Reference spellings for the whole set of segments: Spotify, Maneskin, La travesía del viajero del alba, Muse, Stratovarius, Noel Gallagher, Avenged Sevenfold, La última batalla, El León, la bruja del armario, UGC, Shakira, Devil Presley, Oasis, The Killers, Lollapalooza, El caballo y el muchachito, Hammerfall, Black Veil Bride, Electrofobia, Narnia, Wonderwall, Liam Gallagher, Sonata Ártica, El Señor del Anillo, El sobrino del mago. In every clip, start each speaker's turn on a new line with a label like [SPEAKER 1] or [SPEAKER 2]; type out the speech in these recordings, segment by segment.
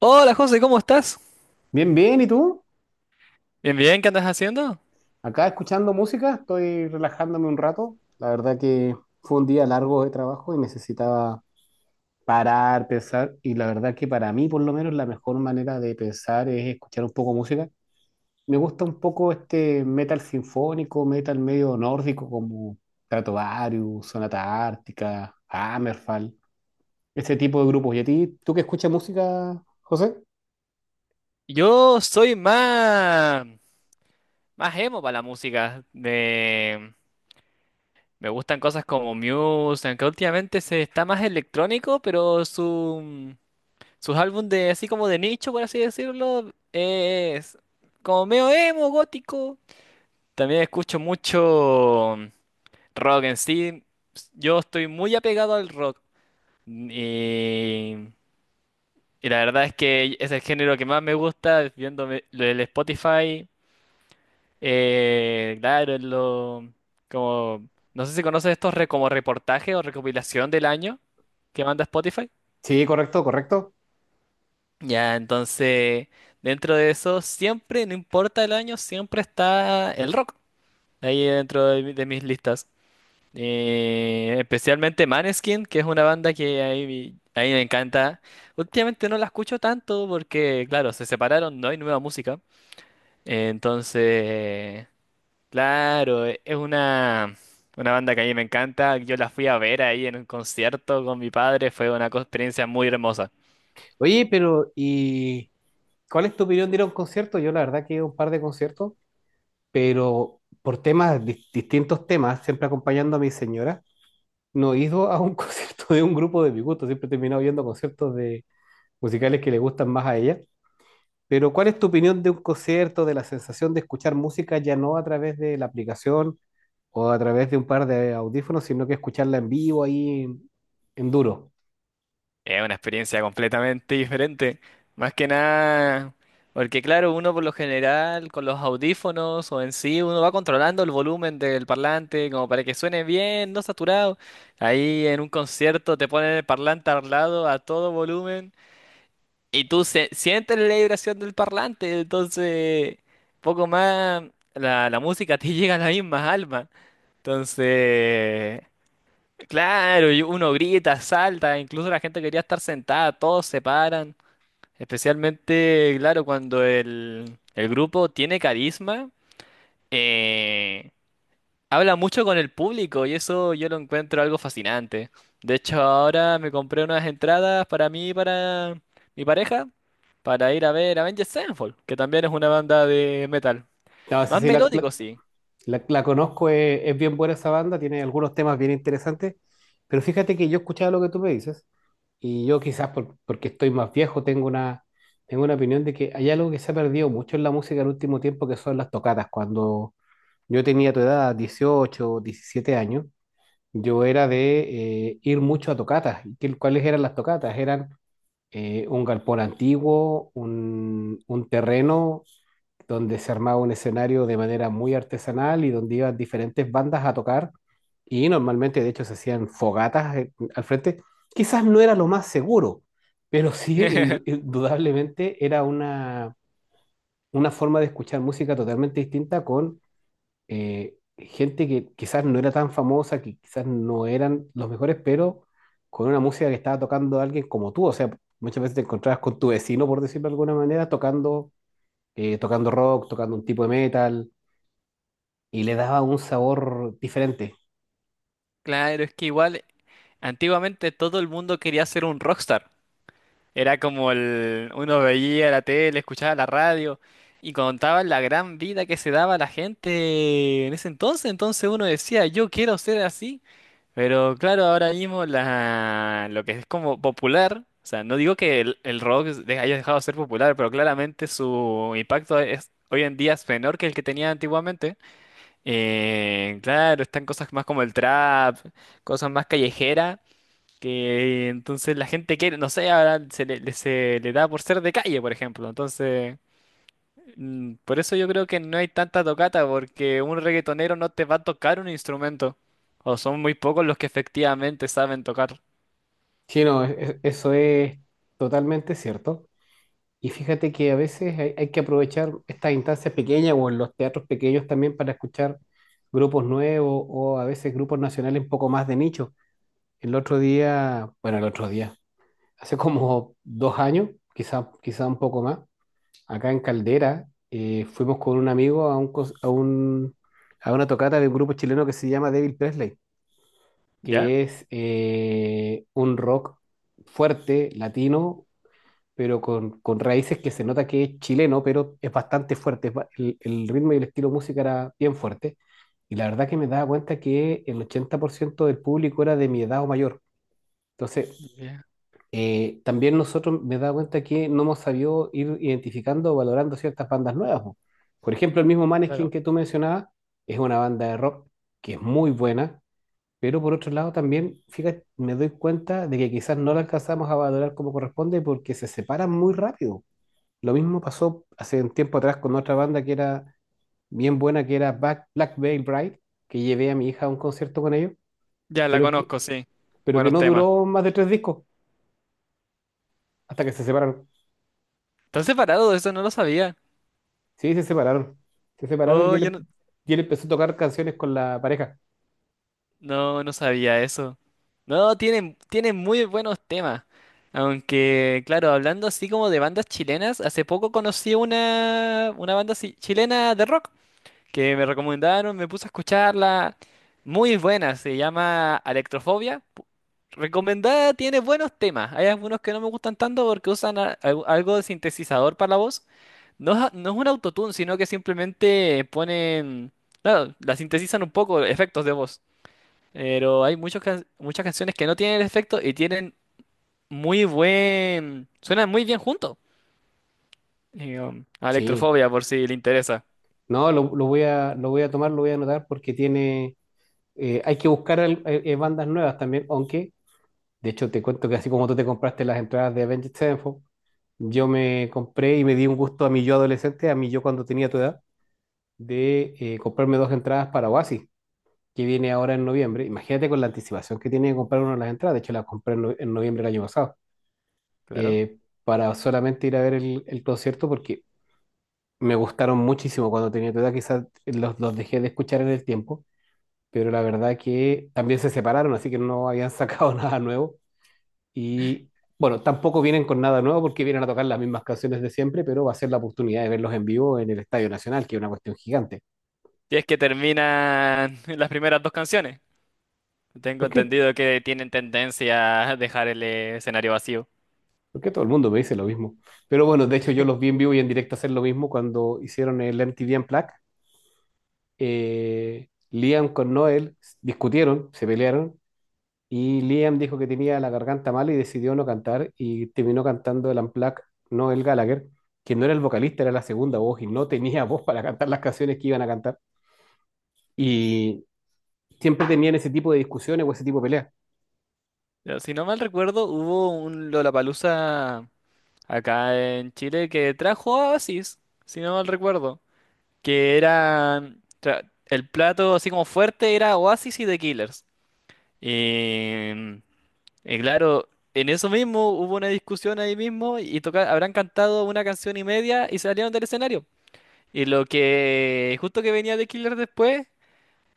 [SPEAKER 1] Hola José, ¿cómo estás?
[SPEAKER 2] Bien, bien, ¿y tú?
[SPEAKER 1] Bien, bien, ¿qué andas haciendo?
[SPEAKER 2] Acá escuchando música, estoy relajándome un rato. La verdad que fue un día largo de trabajo y necesitaba parar, pensar, y la verdad que para mí por lo menos la mejor manera de pensar es escuchar un poco música. Me gusta un poco este metal sinfónico, metal medio nórdico como Stratovarius, Sonata Ártica, Hammerfall, ese tipo de grupos. ¿Y a ti, tú que escuchas música, José?
[SPEAKER 1] Yo soy más, más emo para la música. Me gustan cosas como Muse, aunque últimamente se está más electrónico, pero sus álbumes de así como de nicho, por así decirlo, es como medio emo, gótico. También escucho mucho rock en sí. Yo estoy muy apegado al rock. Y Y la verdad es que es el género que más me gusta, viéndome lo del Spotify. Claro, como, no sé si conoces como reportaje o recopilación del año que manda Spotify.
[SPEAKER 2] Sí, correcto, correcto.
[SPEAKER 1] Ya, entonces, dentro de eso, siempre, no importa el año, siempre está el rock ahí de mis listas. Especialmente Maneskin, que es una banda que ahí me encanta. Últimamente no la escucho tanto porque, claro, se separaron, no hay nueva música. Entonces, claro, una banda que a mí me encanta. Yo la fui a ver ahí en un concierto con mi padre. Fue una experiencia muy hermosa.
[SPEAKER 2] Oye, pero ¿Cuál es tu opinión de ir a un concierto? Yo la verdad que he ido a un par de conciertos, pero por temas, distintos temas, siempre acompañando a mi señora, no he ido a un concierto de un grupo de mi gusto, siempre he terminado viendo conciertos de musicales que le gustan más a ella. Pero ¿cuál es tu opinión de un concierto, de la sensación de escuchar música ya no a través de la aplicación o a través de un par de audífonos, sino que escucharla en vivo ahí en duro?
[SPEAKER 1] Es una experiencia completamente diferente. Más que nada, porque claro, uno por lo general con los audífonos o en sí, uno va controlando el volumen del parlante como para que suene bien, no saturado. Ahí en un concierto te ponen el parlante al lado a todo volumen. Y tú sientes la vibración del parlante, entonces poco más la música te llega a las mismas almas. Entonces, claro, y uno grita, salta, incluso la gente quería estar sentada, todos se paran. Especialmente, claro, cuando el grupo tiene carisma, eh, habla mucho con el público y eso yo lo encuentro algo fascinante. De hecho, ahora me compré unas entradas para mí y para mi pareja para ir a ver Avenged Sevenfold, que también es una banda de metal.
[SPEAKER 2] No sé
[SPEAKER 1] Más
[SPEAKER 2] si la,
[SPEAKER 1] melódico, sí.
[SPEAKER 2] La conozco, es bien buena esa banda, tiene algunos temas bien interesantes, pero fíjate que yo escuchaba lo que tú me dices y yo quizás porque estoy más viejo tengo una opinión de que hay algo que se ha perdido mucho en la música el último tiempo que son las tocatas. Cuando yo tenía tu edad, 18 17 años, yo era de ir mucho a tocatas. ¿Cuáles eran las tocatas? Eran un galpón antiguo, un terreno donde se armaba un escenario de manera muy artesanal y donde iban diferentes bandas a tocar y normalmente de hecho se hacían fogatas al frente. Quizás no era lo más seguro, pero sí indudablemente era una forma de escuchar música totalmente distinta con gente que quizás no era tan famosa, que quizás no eran los mejores, pero con una música que estaba tocando alguien como tú. O sea, muchas veces te encontrabas con tu vecino, por decirlo de alguna manera, tocando, tocando rock, tocando un tipo de metal, y le daba un sabor diferente.
[SPEAKER 1] Claro, es que igual antiguamente todo el mundo quería ser un rockstar. Era como el uno veía la tele, escuchaba la radio y contaban la gran vida que se daba a la gente en ese entonces. Entonces uno decía, yo quiero ser así. Pero claro, ahora mismo lo que es como popular, o sea, no digo que el rock de- haya dejado de ser popular, pero claramente su impacto es hoy en día es menor que el que tenía antiguamente. Claro, están cosas más como el trap, cosas más callejeras, que entonces la gente quiere, no sé, ahora se le da por ser de calle, por ejemplo. Entonces, por eso yo creo que no hay tanta tocata, porque un reggaetonero no te va a tocar un instrumento. O son muy pocos los que efectivamente saben tocar.
[SPEAKER 2] Sí, no, eso es totalmente cierto. Y fíjate que a veces hay que aprovechar estas instancias pequeñas o en los teatros pequeños también para escuchar grupos nuevos o a veces grupos nacionales un poco más de nicho. El otro día, bueno, el otro día, hace como 2 años, quizá un poco más, acá en Caldera, fuimos con un amigo a, un, cos- a, un- a una tocata de un grupo chileno que se llama Devil Presley,
[SPEAKER 1] ¿Ya?
[SPEAKER 2] que es un rock fuerte, latino, pero con raíces que se nota que es chileno, pero es bastante fuerte. El ritmo y el estilo de música era bien fuerte. Y la verdad que me daba cuenta que el 80% del público era de mi edad o mayor. Entonces,
[SPEAKER 1] Ya,
[SPEAKER 2] también nosotros me he dado cuenta que no hemos sabido ir identificando o valorando ciertas bandas nuevas. Po. Por ejemplo, el mismo Maneskin
[SPEAKER 1] claro.
[SPEAKER 2] que tú mencionabas es una banda de rock que es muy buena, pero por otro lado también, fíjate, me doy cuenta de que quizás no la alcanzamos a valorar como corresponde porque se separan muy rápido. Lo mismo pasó hace un tiempo atrás con otra banda que era bien buena, que era Black Veil Bride, que llevé a mi hija a un concierto con ellos,
[SPEAKER 1] Ya la
[SPEAKER 2] pero que,
[SPEAKER 1] conozco, sí.
[SPEAKER 2] pero que
[SPEAKER 1] Buenos
[SPEAKER 2] no
[SPEAKER 1] temas.
[SPEAKER 2] duró más de tres discos hasta que se separaron.
[SPEAKER 1] ¿Están separados? Eso no lo sabía.
[SPEAKER 2] Sí, se separaron. Se separaron y
[SPEAKER 1] Oh, yo
[SPEAKER 2] él,
[SPEAKER 1] no.
[SPEAKER 2] y él empezó a tocar canciones con la pareja.
[SPEAKER 1] No, no sabía eso. No, tienen muy buenos temas. Aunque, claro, hablando así como de bandas chilenas, hace poco conocí una chilena de rock que me recomendaron, me puse a escucharla. Muy buena, se llama Electrofobia. Recomendada, tiene buenos temas. Hay algunos que no me gustan tanto porque algo de sintetizador para la voz. No es un autotune, sino que simplemente ponen, claro, la sintetizan un poco, efectos de voz. Pero hay muchas canciones que no tienen efecto y tienen muy buen, suenan muy bien juntos. Y, a
[SPEAKER 2] Sí.
[SPEAKER 1] Electrofobia, por si le interesa.
[SPEAKER 2] No, lo voy a tomar, lo voy a anotar porque tiene. Hay que buscar bandas nuevas también, aunque, de hecho, te cuento que así como tú te compraste las entradas de Avenged Sevenfold, yo me compré y me di un gusto a mi yo adolescente, a mi yo cuando tenía tu edad, de comprarme dos entradas para Oasis, que viene ahora en noviembre. Imagínate con la anticipación que tiene de comprar una de las entradas. De hecho, las compré en, no- en noviembre del año pasado.
[SPEAKER 1] Claro.
[SPEAKER 2] eh, para solamente ir a ver el concierto porque me gustaron muchísimo cuando tenía tu edad, quizás los dejé de escuchar en el tiempo, pero la verdad que también se separaron, así que no habían sacado nada nuevo y bueno, tampoco vienen con nada nuevo porque vienen a tocar las mismas canciones de siempre, pero va a ser la oportunidad de verlos en vivo en el Estadio Nacional, que es una cuestión gigante.
[SPEAKER 1] Si es que terminan las primeras dos canciones. Tengo
[SPEAKER 2] ¿Por qué?
[SPEAKER 1] entendido que tienen tendencia a dejar el escenario vacío.
[SPEAKER 2] Porque todo el mundo me dice lo mismo. Pero bueno, de hecho yo los vi en vivo y en directo hacer lo mismo cuando hicieron el MTV Unplugged. Liam con Noel discutieron, se pelearon, y Liam dijo que tenía la garganta mal y decidió no cantar y terminó cantando el Unplugged Noel Gallagher, que no era el vocalista, era la segunda voz y no tenía voz para cantar las canciones que iban a cantar. Y siempre tenían ese tipo de discusiones o ese tipo de peleas.
[SPEAKER 1] Pero si no mal recuerdo, hubo un Lollapalooza acá en Chile que trajo a Oasis, si no mal recuerdo. Que era... el plato así como fuerte era Oasis y The Killers. Y, y claro, en eso mismo hubo una discusión ahí mismo y habrán cantado una canción y media y salieron del escenario. Y lo que justo que venía The Killer después,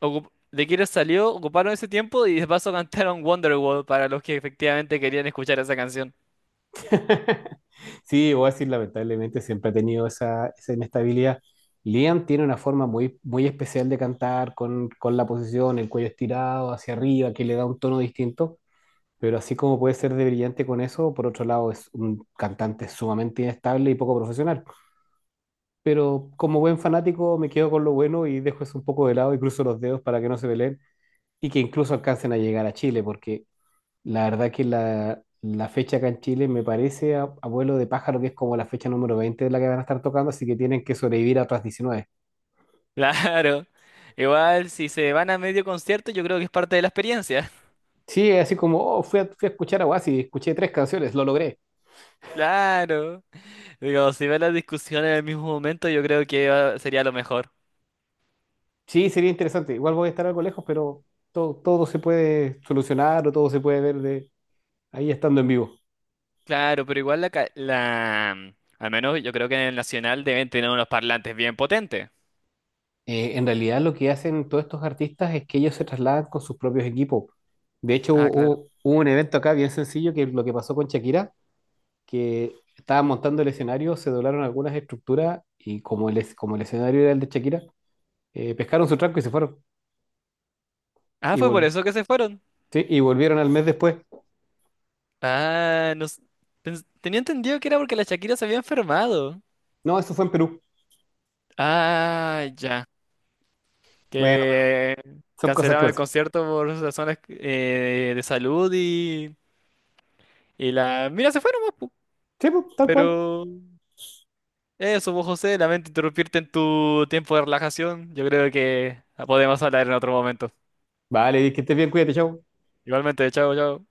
[SPEAKER 1] The Killer salió, ocuparon ese tiempo y de paso cantaron Wonderwall para los que efectivamente querían escuchar esa canción.
[SPEAKER 2] Sí, voy a decir, lamentablemente siempre ha tenido esa inestabilidad. Liam tiene una forma muy, muy especial de cantar con la posición, el cuello estirado hacia arriba, que le da un tono distinto. Pero así como puede ser de brillante con eso, por otro lado es un cantante sumamente inestable y poco profesional. Pero como buen fanático me quedo con lo bueno y dejo eso un poco de lado y cruzo los dedos para que no se peleen y que incluso alcancen a llegar a Chile, porque la verdad que la fecha acá en Chile me parece, a vuelo de pájaro, que es como la fecha número 20 de la que van a estar tocando, así que tienen que sobrevivir a otras 19.
[SPEAKER 1] Claro. Igual si se van a medio concierto, yo creo que es parte de la experiencia.
[SPEAKER 2] Sí, es así como, oh, fui a escuchar a Oasis, escuché tres canciones, lo logré.
[SPEAKER 1] Claro. Digo, si ven la discusión en el mismo momento, yo creo que sería lo mejor.
[SPEAKER 2] Sí, sería interesante. Igual voy a estar algo lejos, pero todo se puede solucionar o todo se puede ver de ahí estando en vivo.
[SPEAKER 1] Claro, pero igual la... Al menos yo creo que en el Nacional deben tener unos parlantes bien potentes.
[SPEAKER 2] En realidad lo que hacen todos estos artistas es que ellos se trasladan con sus propios equipos. De hecho,
[SPEAKER 1] Ah, claro.
[SPEAKER 2] hubo un evento acá bien sencillo que lo que pasó con Shakira, que estaban montando el escenario, se doblaron algunas estructuras y como como el escenario era el de Shakira, pescaron su tranco y se fueron.
[SPEAKER 1] Ah,
[SPEAKER 2] Y,
[SPEAKER 1] fue por
[SPEAKER 2] vol-
[SPEAKER 1] eso que se fueron.
[SPEAKER 2] sí, y volvieron al mes después.
[SPEAKER 1] Ah, no s- pens- tenía entendido que era porque la Shakira se había enfermado.
[SPEAKER 2] No, eso fue en Perú.
[SPEAKER 1] Ah, ya.
[SPEAKER 2] Bueno, pero
[SPEAKER 1] Que
[SPEAKER 2] son cosas que
[SPEAKER 1] cancelaron el
[SPEAKER 2] pasan.
[SPEAKER 1] concierto por razones de salud y la... Mira, se fueron más, pu.
[SPEAKER 2] Sí, pues, tal cual.
[SPEAKER 1] Pero eso, vos, José, lamento interrumpirte en tu tiempo de relajación. Yo creo que podemos hablar en otro momento.
[SPEAKER 2] Vale, que estés bien, cuídate, chao.
[SPEAKER 1] Igualmente, chao, chao.